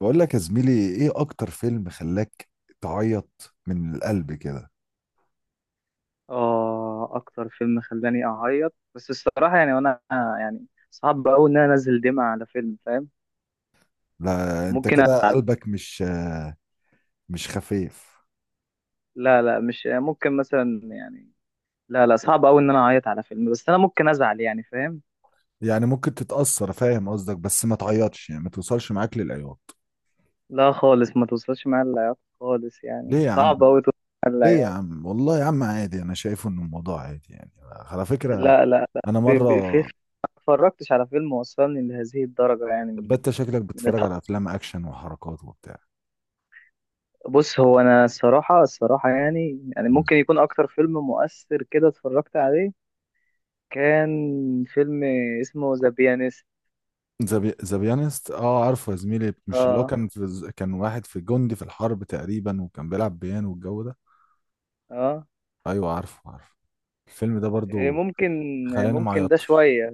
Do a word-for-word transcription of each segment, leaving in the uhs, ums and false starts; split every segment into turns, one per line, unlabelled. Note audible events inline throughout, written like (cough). بقول لك يا زميلي، ايه اكتر فيلم خلاك تعيط من القلب كده؟
اه، اكتر فيلم خلاني اعيط، بس الصراحه يعني، وانا يعني صعب قوي ان انا انزل دمعه على فيلم، فاهم؟
لا، انت
ممكن أ...
كده قلبك مش آه، مش خفيف.
لا لا، مش ممكن مثلا يعني. لا لا، صعب قوي ان انا اعيط على فيلم، بس انا ممكن ازعل يعني، فاهم؟
يعني ممكن تتأثر، فاهم قصدك، بس ما تعيطش، يعني ما توصلش معاك للعياط.
لا خالص، ما توصلش معايا العياط خالص، يعني
ليه يا
صعب
عم؟
قوي توصل معايا
ليه يا
العياط.
عم؟ والله يا عم عادي، انا شايفه ان الموضوع عادي يعني، على فكرة.
لا لا لا،
انا
ب... ب... في
مرة،
في- ما اتفرجتش على فيلم وصلني لهذه الدرجه، يعني من ال...
بت شكلك
من
بتتفرج
الحب.
على افلام اكشن وحركات وبتاع.
بص، هو انا الصراحه الصراحه يعني يعني ممكن يكون اكتر فيلم مؤثر كده اتفرجت عليه، كان فيلم اسمه ذا بيانست.
ذا بي- ذا بيانست؟ اه عارفه يا زميلي، مش اللي هو
اه،
كان في كان واحد، في جندي في الحرب تقريبا، وكان بيلعب بيانو والجو ده.
اه،
ايوه عارفه عارفه. الفيلم ده
إيه،
برضو
ممكن.
خلاني ما
ممكن ده
عيطتش.
شوية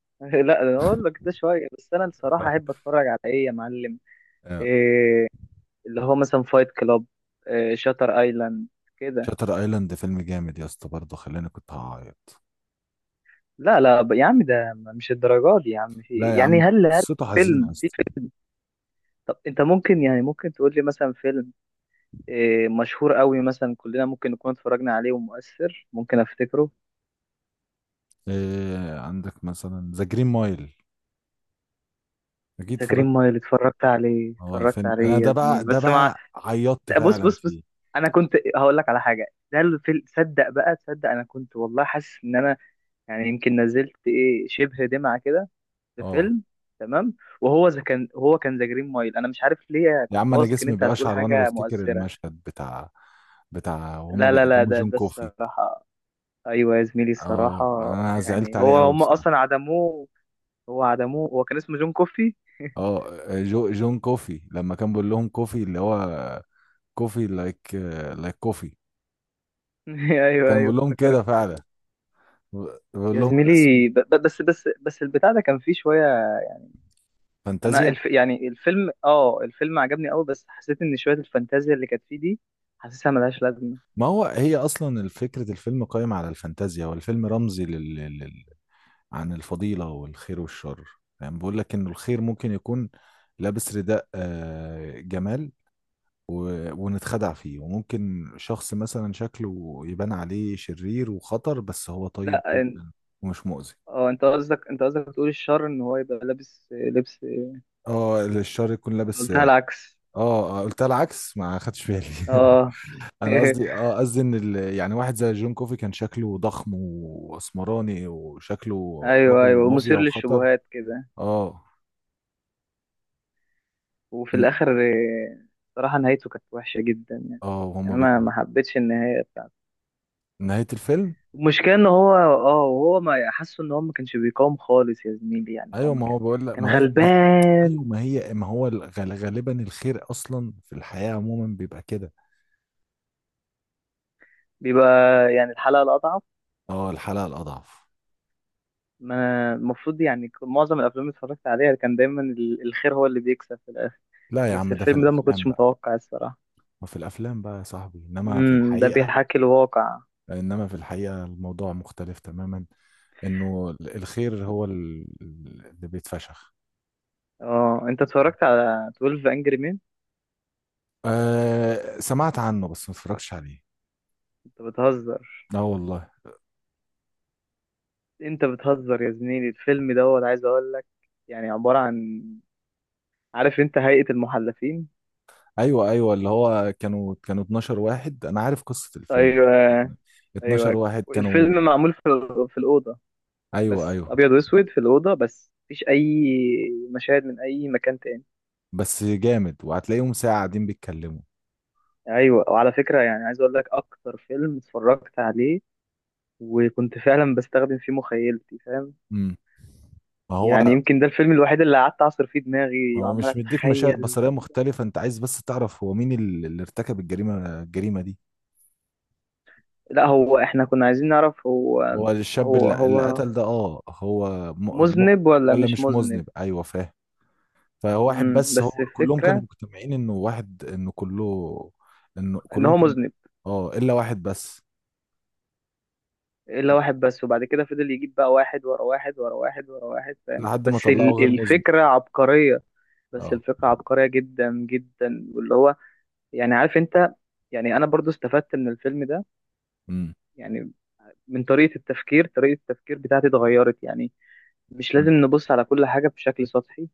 (laughs) لا، انا اقول لك ده شوية، بس انا الصراحة احب
(laughs)
اتفرج على ايه يا معلم؟
آه.
إيه، اللي هو مثلا فايت كلاب، إيه، شاتر ايلاند، كده.
شاتر ايلاند فيلم جامد يا اسطى، برضو خلاني كنت هعيط.
لا لا، ب- يا عم، ده مش الدرجات دي يا عم، في
لا يا عم
يعني، هل هل
قصته حزينه يا
فيلم في
اسطى.
فيلم؟ طب انت ممكن يعني، ممكن تقول لي مثلا فيلم إيه مشهور قوي، مثلا كلنا ممكن نكون اتفرجنا عليه ومؤثر، ممكن افتكره؟
إيه عندك مثلا ذا جرين مايل؟ اكيد
ذا جرين
اتفرجت.
مايل اتفرجت عليه،
هو
اتفرجت
الفيلم انا
عليه يا
ده بقى
زميلي
ده
بس مع...
بقى عيطت
لا، بص
فعلا
بص بص،
فيه.
انا كنت هقول لك على حاجه. ده الفيلم، صدق بقى، تصدق انا كنت والله حاسس ان انا يعني يمكن نزلت ايه شبه دمعه كده في
اه،
فيلم، تمام؟ وهو ذا كان هو كان ذا جرين مايل، انا مش عارف ليه
يا
كنت
عم انا
واثق ان
جسمي
انت هتقول
بيقشعر وانا
حاجه
بفتكر
مؤثره.
المشهد بتاع بتاع وهما
لا لا لا،
بيقدموا
ده
جون
ده
كوفي.
الصراحه. ايوه يا زميلي،
اه
الصراحه
انا زعلت
يعني،
عليه
هو
قوي
هم
بصراحه.
اصلا عدموه، هو عدموه، هو كان اسمه جون كوفي (laughs)
اه، جو جون كوفي لما كان بيقول لهم كوفي، اللي هو كوفي لايك، لايك كوفي.
ايوه
كان
ايوه،
بيقول لهم
افتكرت.
كده فعلا، بيقول
يا
لهم أنا اسمي.
زميلي، ب- ب- بس بس بس البتاع ده كان فيه شوية. انا
فانتازيا.
الف يعني الفيلم اه الفيلم عجبني قوي، بس حسيت ان شوية الفانتازيا اللي كانت فيه دي حاسسها ملهاش لازمة.
ما هو هي اصلا فكره الفيلم قائمه على الفانتازيا، والفيلم رمزي لل... لل... عن الفضيله والخير والشر. يعني بيقول لك انه الخير ممكن يكون لابس رداء آه، جمال، و... ونتخدع فيه، وممكن شخص مثلا شكله يبان عليه شرير وخطر بس هو طيب
لا إن-
جدا ومش مؤذي.
اه، انت قصدك انت قصدك تقول الشر ان هو يبقى لابس لبس،
اه الشر يكون لابس،
قلتها
اه.
العكس،
آه، قلتها العكس، ما خدتش بالي. (laughs)
اه
انا
(laughs)
قصدي، اه قصدي ان ال... يعني واحد زي جون كوفي كان شكله ضخم واسمراني، وشكله
ايوه
رجل
ايوه،
مافيا
ومثير
وخطر.
للشبهات كده.
اه.
وفي
إن...
الاخر آه، صراحة نهايته كانت وحشة جدا يعني،
اه
يعني
وهم
انا
بيكرهوا
ما حبيتش النهاية.
نهاية الفيلم.
المشكلة ان هو اه هو ما حاسه ان هو ما كانش بيقاوم خالص يا زميلي، يعني هو
ايوه
ما
ما
كان
هو بقول لك،
كان
ما هي ما... ايوه
غلبان،
ما هي ما هو الغ- غالبا الخير اصلا في الحياة عموما بيبقى كده.
بيبقى يعني الحلقة الأضعف.
اه الحلقة الأضعف.
ما أنا المفروض يعني، ك- معظم الأفلام اللي اتفرجت عليها كان دايما ال- الخير هو اللي بيكسب في الآخر،
لا يا
بس
عم ده في
الفيلم ده ما
الأفلام
كنتش
بقى.
متوقع الصراحة.
ما في الأفلام بقى يا صاحبي، إنما في
امم ده
الحقيقة.
بيحكي الواقع.
إنما في الحقيقة الموضوع مختلف تماما، إنه الخير هو ال- اللي بيتفشخ.
اه، انت اتفرجت على اثنا عشر انجري مين؟
آه سمعت عنه بس ما اتفرجتش عليه.
انت بتهزر،
لا والله.
انت بتهزر يا زميلي، الفيلم دوت عايز اقول لك، يعني عبارة عن، عارف انت هيئة المحلفين؟
أيوه أيوه، اللي هو كانوا كانوا اتناشر واحد، أنا عارف قصة الفيلم.
ايوه
اتناشر
ايوه.
واحد كانوا.
الفيلم معمول في في الاوضه،
أيوه
بس
أيوه.
ابيض واسود في الاوضه، بس مفيش اي مشاهد من اي مكان تاني.
بس جامد، وهتلاقيهم ساعة قاعدين بيتكلموا.
ايوه، وعلى فكره يعني عايز اقول لك اكتر فيلم اتفرجت عليه وكنت فعلا بستخدم فيه مخيلتي، فاهم؟
امم. ما
يعني
هو
يمكن ده الفيلم الوحيد اللي قعدت اعصر فيه
ما
دماغي
هو
وعمال
مش مديك مشاهد
اتخيل.
بصرية مختلفة، انت عايز بس تعرف هو مين ال- اللي ارتكب الجريمة الجريمة دي.
لا، هو احنا كنا عايزين نعرف هو
هو الشاب
هو
اللي, اللي
هو
قتل ده، اه هو. م... م...
مذنب ولا
ولا
مش
مش
مذنب.
مذنب، ايوه فاهم. فهو واحد،
امم
بس
بس
هو كلهم كانوا
الفكره
مجتمعين انه واحد، انه كله. انه
ان
كلهم
هو
كانوا.
مذنب
اه الا واحد بس.
الا واحد بس، وبعد كده فضل يجيب بقى واحد ورا واحد ورا واحد ورا واحد، فاهم؟
لحد ما
بس
طلعه
ال-
غير مذنب.
الفكرة عبقرية، بس
اه.
الفكرة عبقرية جدا جدا، واللي هو، يعني عارف انت، يعني انا برضو استفدت من الفيلم ده،
امم.
يعني من طريقة التفكير طريقة التفكير بتاعتي اتغيرت يعني، مش لازم نبص على كل حاجة بشكل سطحي.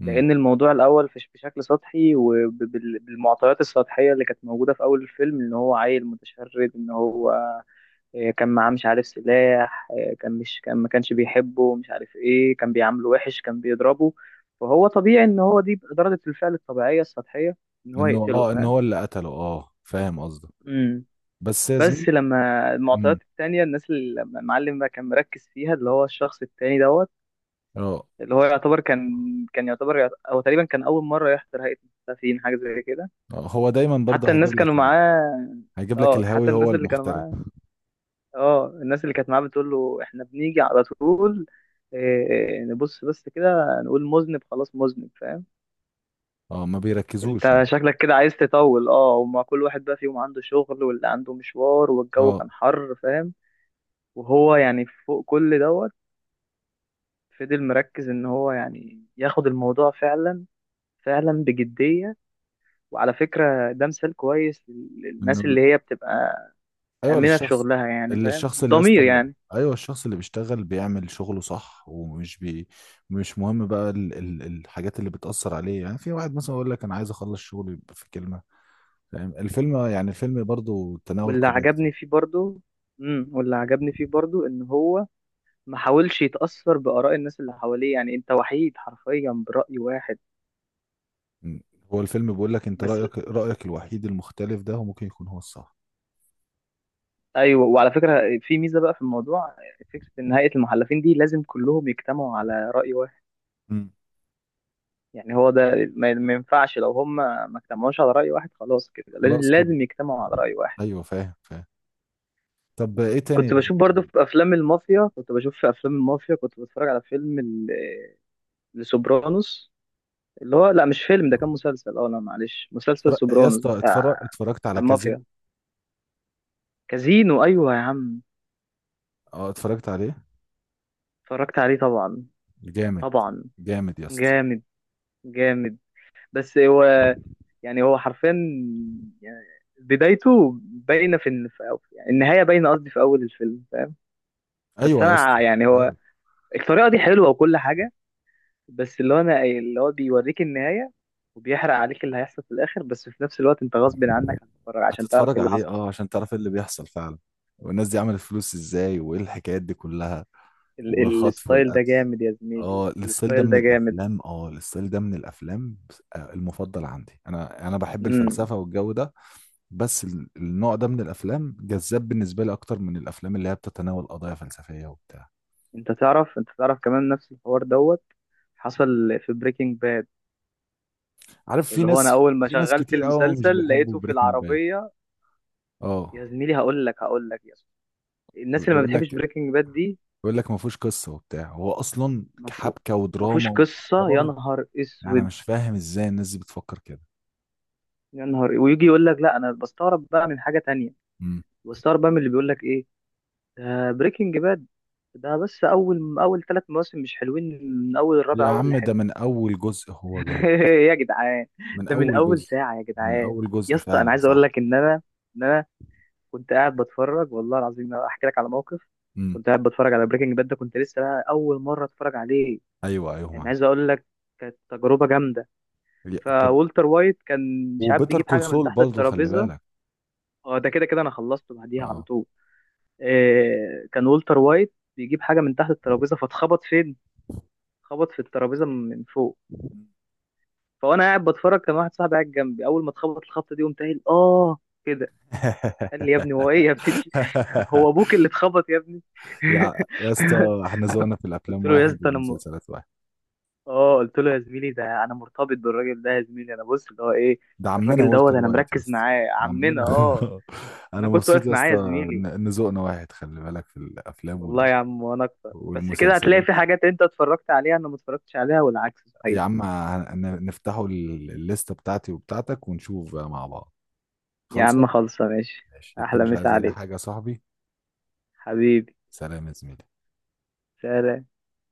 امم.
لان الموضوع الاول فش- بشكل سطحي وبالمعطيات السطحية اللي كانت موجودة في اول الفيلم، ان هو عيل متشرد، ان هو إيه، كان معاه مش عارف سلاح إيه، كان مش كان، ما كانش بيحبه، مش عارف ايه، كان بيعامله وحش، كان بيضربه، فهو طبيعي ان هو دي ردة الفعل الطبيعية السطحية ان هو
انه
يقتله،
اه ان
فاهم؟
هو اللي قتله، اه فاهم قصدك.
امم
بس يا
بس
زميلي.
لما
امم.
المعطيات التانية، الناس اللي لما المعلم بقى كان مركز فيها اللي هو الشخص التاني دوت،
اه،
اللي هو يعتبر كان، كان يعتبر يعت- هو تقريبا كان أول مرة يحضر هيئة المستضعفين حاجة زي كده.
آه، هو دايما
حتى
برضه هيجيب
الناس كانوا
لك ال...
معاه،
هيجيب لك
اه
الهاوي
حتى
هو
الناس اللي كانوا
المحترف.
معاه، اه الناس اللي كانت معاه بتقول له احنا بنيجي على طول، إيه نبص بس كده نقول مذنب خلاص مذنب، فاهم؟
اه ما بيركزوش
انت
يعني.
شكلك كده عايز تطول، اه، وما كل واحد بقى فيهم عنده شغل، واللي عنده مشوار، والجو
اه،
كان حر، فاهم؟ وهو يعني فوق كل دوت فضل مركز ان هو يعني ياخد الموضوع فعلا، فعلا بجدية. وعلى فكرة ده مثال كويس
انه
للناس
ال-
اللي هي بتبقى
ايوه،
آمنة في
الشخص
شغلها، يعني
اللي،
فاهم،
الشخص اللي
ضمير
يسطا.
يعني.
ايوه الشخص اللي بيشتغل، بيعمل شغله صح ومش بي مش مهم بقى ال... ال... الحاجات اللي بتأثر عليه، يعني في واحد مثلا يقول لك انا عايز اخلص شغلي في كلمة، فاهم الفيلم يعني الفيلم برضو تناول
واللي
قضايا كتير.
عجبني فيه برضو امم واللي عجبني فيه برضو ان هو ما حاولش يتأثر بآراء الناس اللي حواليه، يعني انت وحيد حرفيا برأي واحد،
م. هو الفيلم بيقول لك انت
بس.
رأيك، رأيك الوحيد المختلف ده هو ممكن يكون هو الصح.
ايوه، وعلى فكرة في ميزة بقى في الموضوع، فكرة ان هيئة المحلفين دي لازم كلهم يجتمعوا على رأي واحد،
م.
يعني هو ده ما ما ينفعش، لو هم ما اجتمعوش على رأي واحد خلاص كده، لازم
خلاص كده.
لازم يجتمعوا على رأي واحد.
ايوه فاهم فاهم. طب ايه تاني
كنت
غير؟
بشوف برضو في افلام المافيا كنت بشوف في افلام المافيا، كنت بتفرج على فيلم ال- لسوبرانوس، اللي هو، لا مش فيلم، ده كان مسلسل، اه لا معلش، مسلسل
اتفرج... يا
سوبرانوس
اسطى،
بتاع
اتفرج... اتفرجت على
المافيا.
كازينو؟
كازينو، ايوه يا عم،
اه اتفرجت عليه.
اتفرجت عليه طبعا،
جامد.
طبعا،
جامد يا اسطى.
جامد، جامد. بس هو، يعني هو حرفيا يعني بدايته باينه في الن- في أو- يعني النهايه باينه قصدي، في اول الفيلم، فاهم؟ بس
ايوه يا اسطى.
انا يعني هو،
ايوه.
الطريقه دي حلوه وكل حاجه، بس اللي هو انا، اللي هو بيوريك النهايه وبيحرق عليك اللي هيحصل في الاخر، بس في نفس الوقت انت غصب عنك هتتفرج عشان تعرف ايه
هتتفرج
اللي
عليه
حصل.
اه عشان تعرف ايه اللي بيحصل فعلا، والناس دي عملت فلوس ازاي، وايه الحكايات دي كلها،
ال- ال-
والخطف
الستايل ده
والقتل.
جامد يا زميلي،
اه الستايل ده
الستايل
من
ده جامد.
الافلام اه الستايل ده من الافلام، آه، المفضل عندي. انا انا بحب
مم.
الفلسفه والجو ده، بس ال- النوع ده من الافلام جذاب بالنسبه لي اكتر من الافلام اللي هي بتتناول قضايا فلسفيه وبتاع.
انت تعرف، انت تعرف كمان نفس الحوار دوت حصل في بريكنج باد،
عارف، في
اللي هو انا
ناس
اول ما
في ناس
شغلت
كتير قوي مش
المسلسل
بيحبوا
لقيته في
بريكنج باد.
العربية. يا
اه
زميلي هقول لك هقول لك يا زميلي. الناس اللي ما
بيقول
بتحبش
لك،
بريكنج باد دي
بيقول لك ما فيهوش قصه وبتاع، هو اصلا
مفهو-
حبكه
مفهوش
ودراما
قصة، يا
وحوار.
نهار
يعني انا
اسود،
مش فاهم ازاي الناس دي بتفكر كده.
يا نهار. ويجي يقول لك لا، انا بستغرب بقى من حاجة تانية،
امم.
بستغرب بقى من اللي بيقول لك ايه، ده بريكنج باد، ده بس اول اول ثلاث مواسم مش حلوين، من اول الرابع
يا
هو اللي
عم ده
حلو
من اول جزء هو
(laughs)
جامد.
يا جدعان،
من
ده من
اول
اول
جزء.
ساعه يا
من
جدعان.
اول
يا
جزء
اسطى انا
فعلا
عايز اقول
صح.
لك ان انا، ان انا كنت قاعد بتفرج، والله العظيم، أنا احكي لك على موقف.
امم.
كنت قاعد بتفرج على بريكنج باد، ده كنت لسه بقى اول مره اتفرج عليه،
ايوه ايوه
يعني
معاك.
عايز اقول لك كانت تجربه جامده.
يا- طب.
فولتر وايت كان، مش عارف
وبيتر
بيجيب
كول
حاجه من
سول
تحت
برضه خلي
الترابيزه،
بالك.
اه ده كده كده انا خلصته بعديها على
اه.
طول. إيه كان والتر وايت بيجيب حاجه من تحت الترابيزه فاتخبط فين، خبط في الترابيزه من فوق. فانا قاعد بتفرج، كان واحد صاحبي قاعد جنبي، اول ما اتخبط الخبطه دي قمت قايل اه كده. قال لي: يا ابني هو ايه يا ابني؟ (laughs) هو
(laughs)
ابوك اللي اتخبط يا ابني؟
يا يا
(laughs)
اسطى، احنا ذوقنا في
قلت
الافلام
له يا
واحد
اسطى انا م...
والمسلسلات واحد.
اه، قلت له يا زميلي، ده انا مرتبط بالراجل ده يا زميلي، انا بص اللي هو ايه،
ده عمنا
الراجل دوت
والتر
انا
وايت يا
مركز
اسطى.
معاه، عمنا
عمنا.
اه.
(laughs)
انا
انا
كنت
مبسوط
واقف
يا
معاه يا
اسطى،
زميلي.
ان إن ذوقنا واحد، خلي بالك، في الافلام
والله يا عم، وانا اكتر، بس كده هتلاقي
والمسلسلات.
في حاجات انت اتفرجت عليها انا ما اتفرجتش عليها، والعكس
يا
صحيح.
عم، هن- نفتحوا ال- الليستة بتاعتي وبتاعتك ونشوف بقى مع بعض.
يا عم
خالصة.
خلصه ماشي.
ماشي. انت
احلى
مش
مسا
عايز اي
عليك،
حاجة يا صاحبي؟
حبيبي،
سلام يا زميلي.
سلام.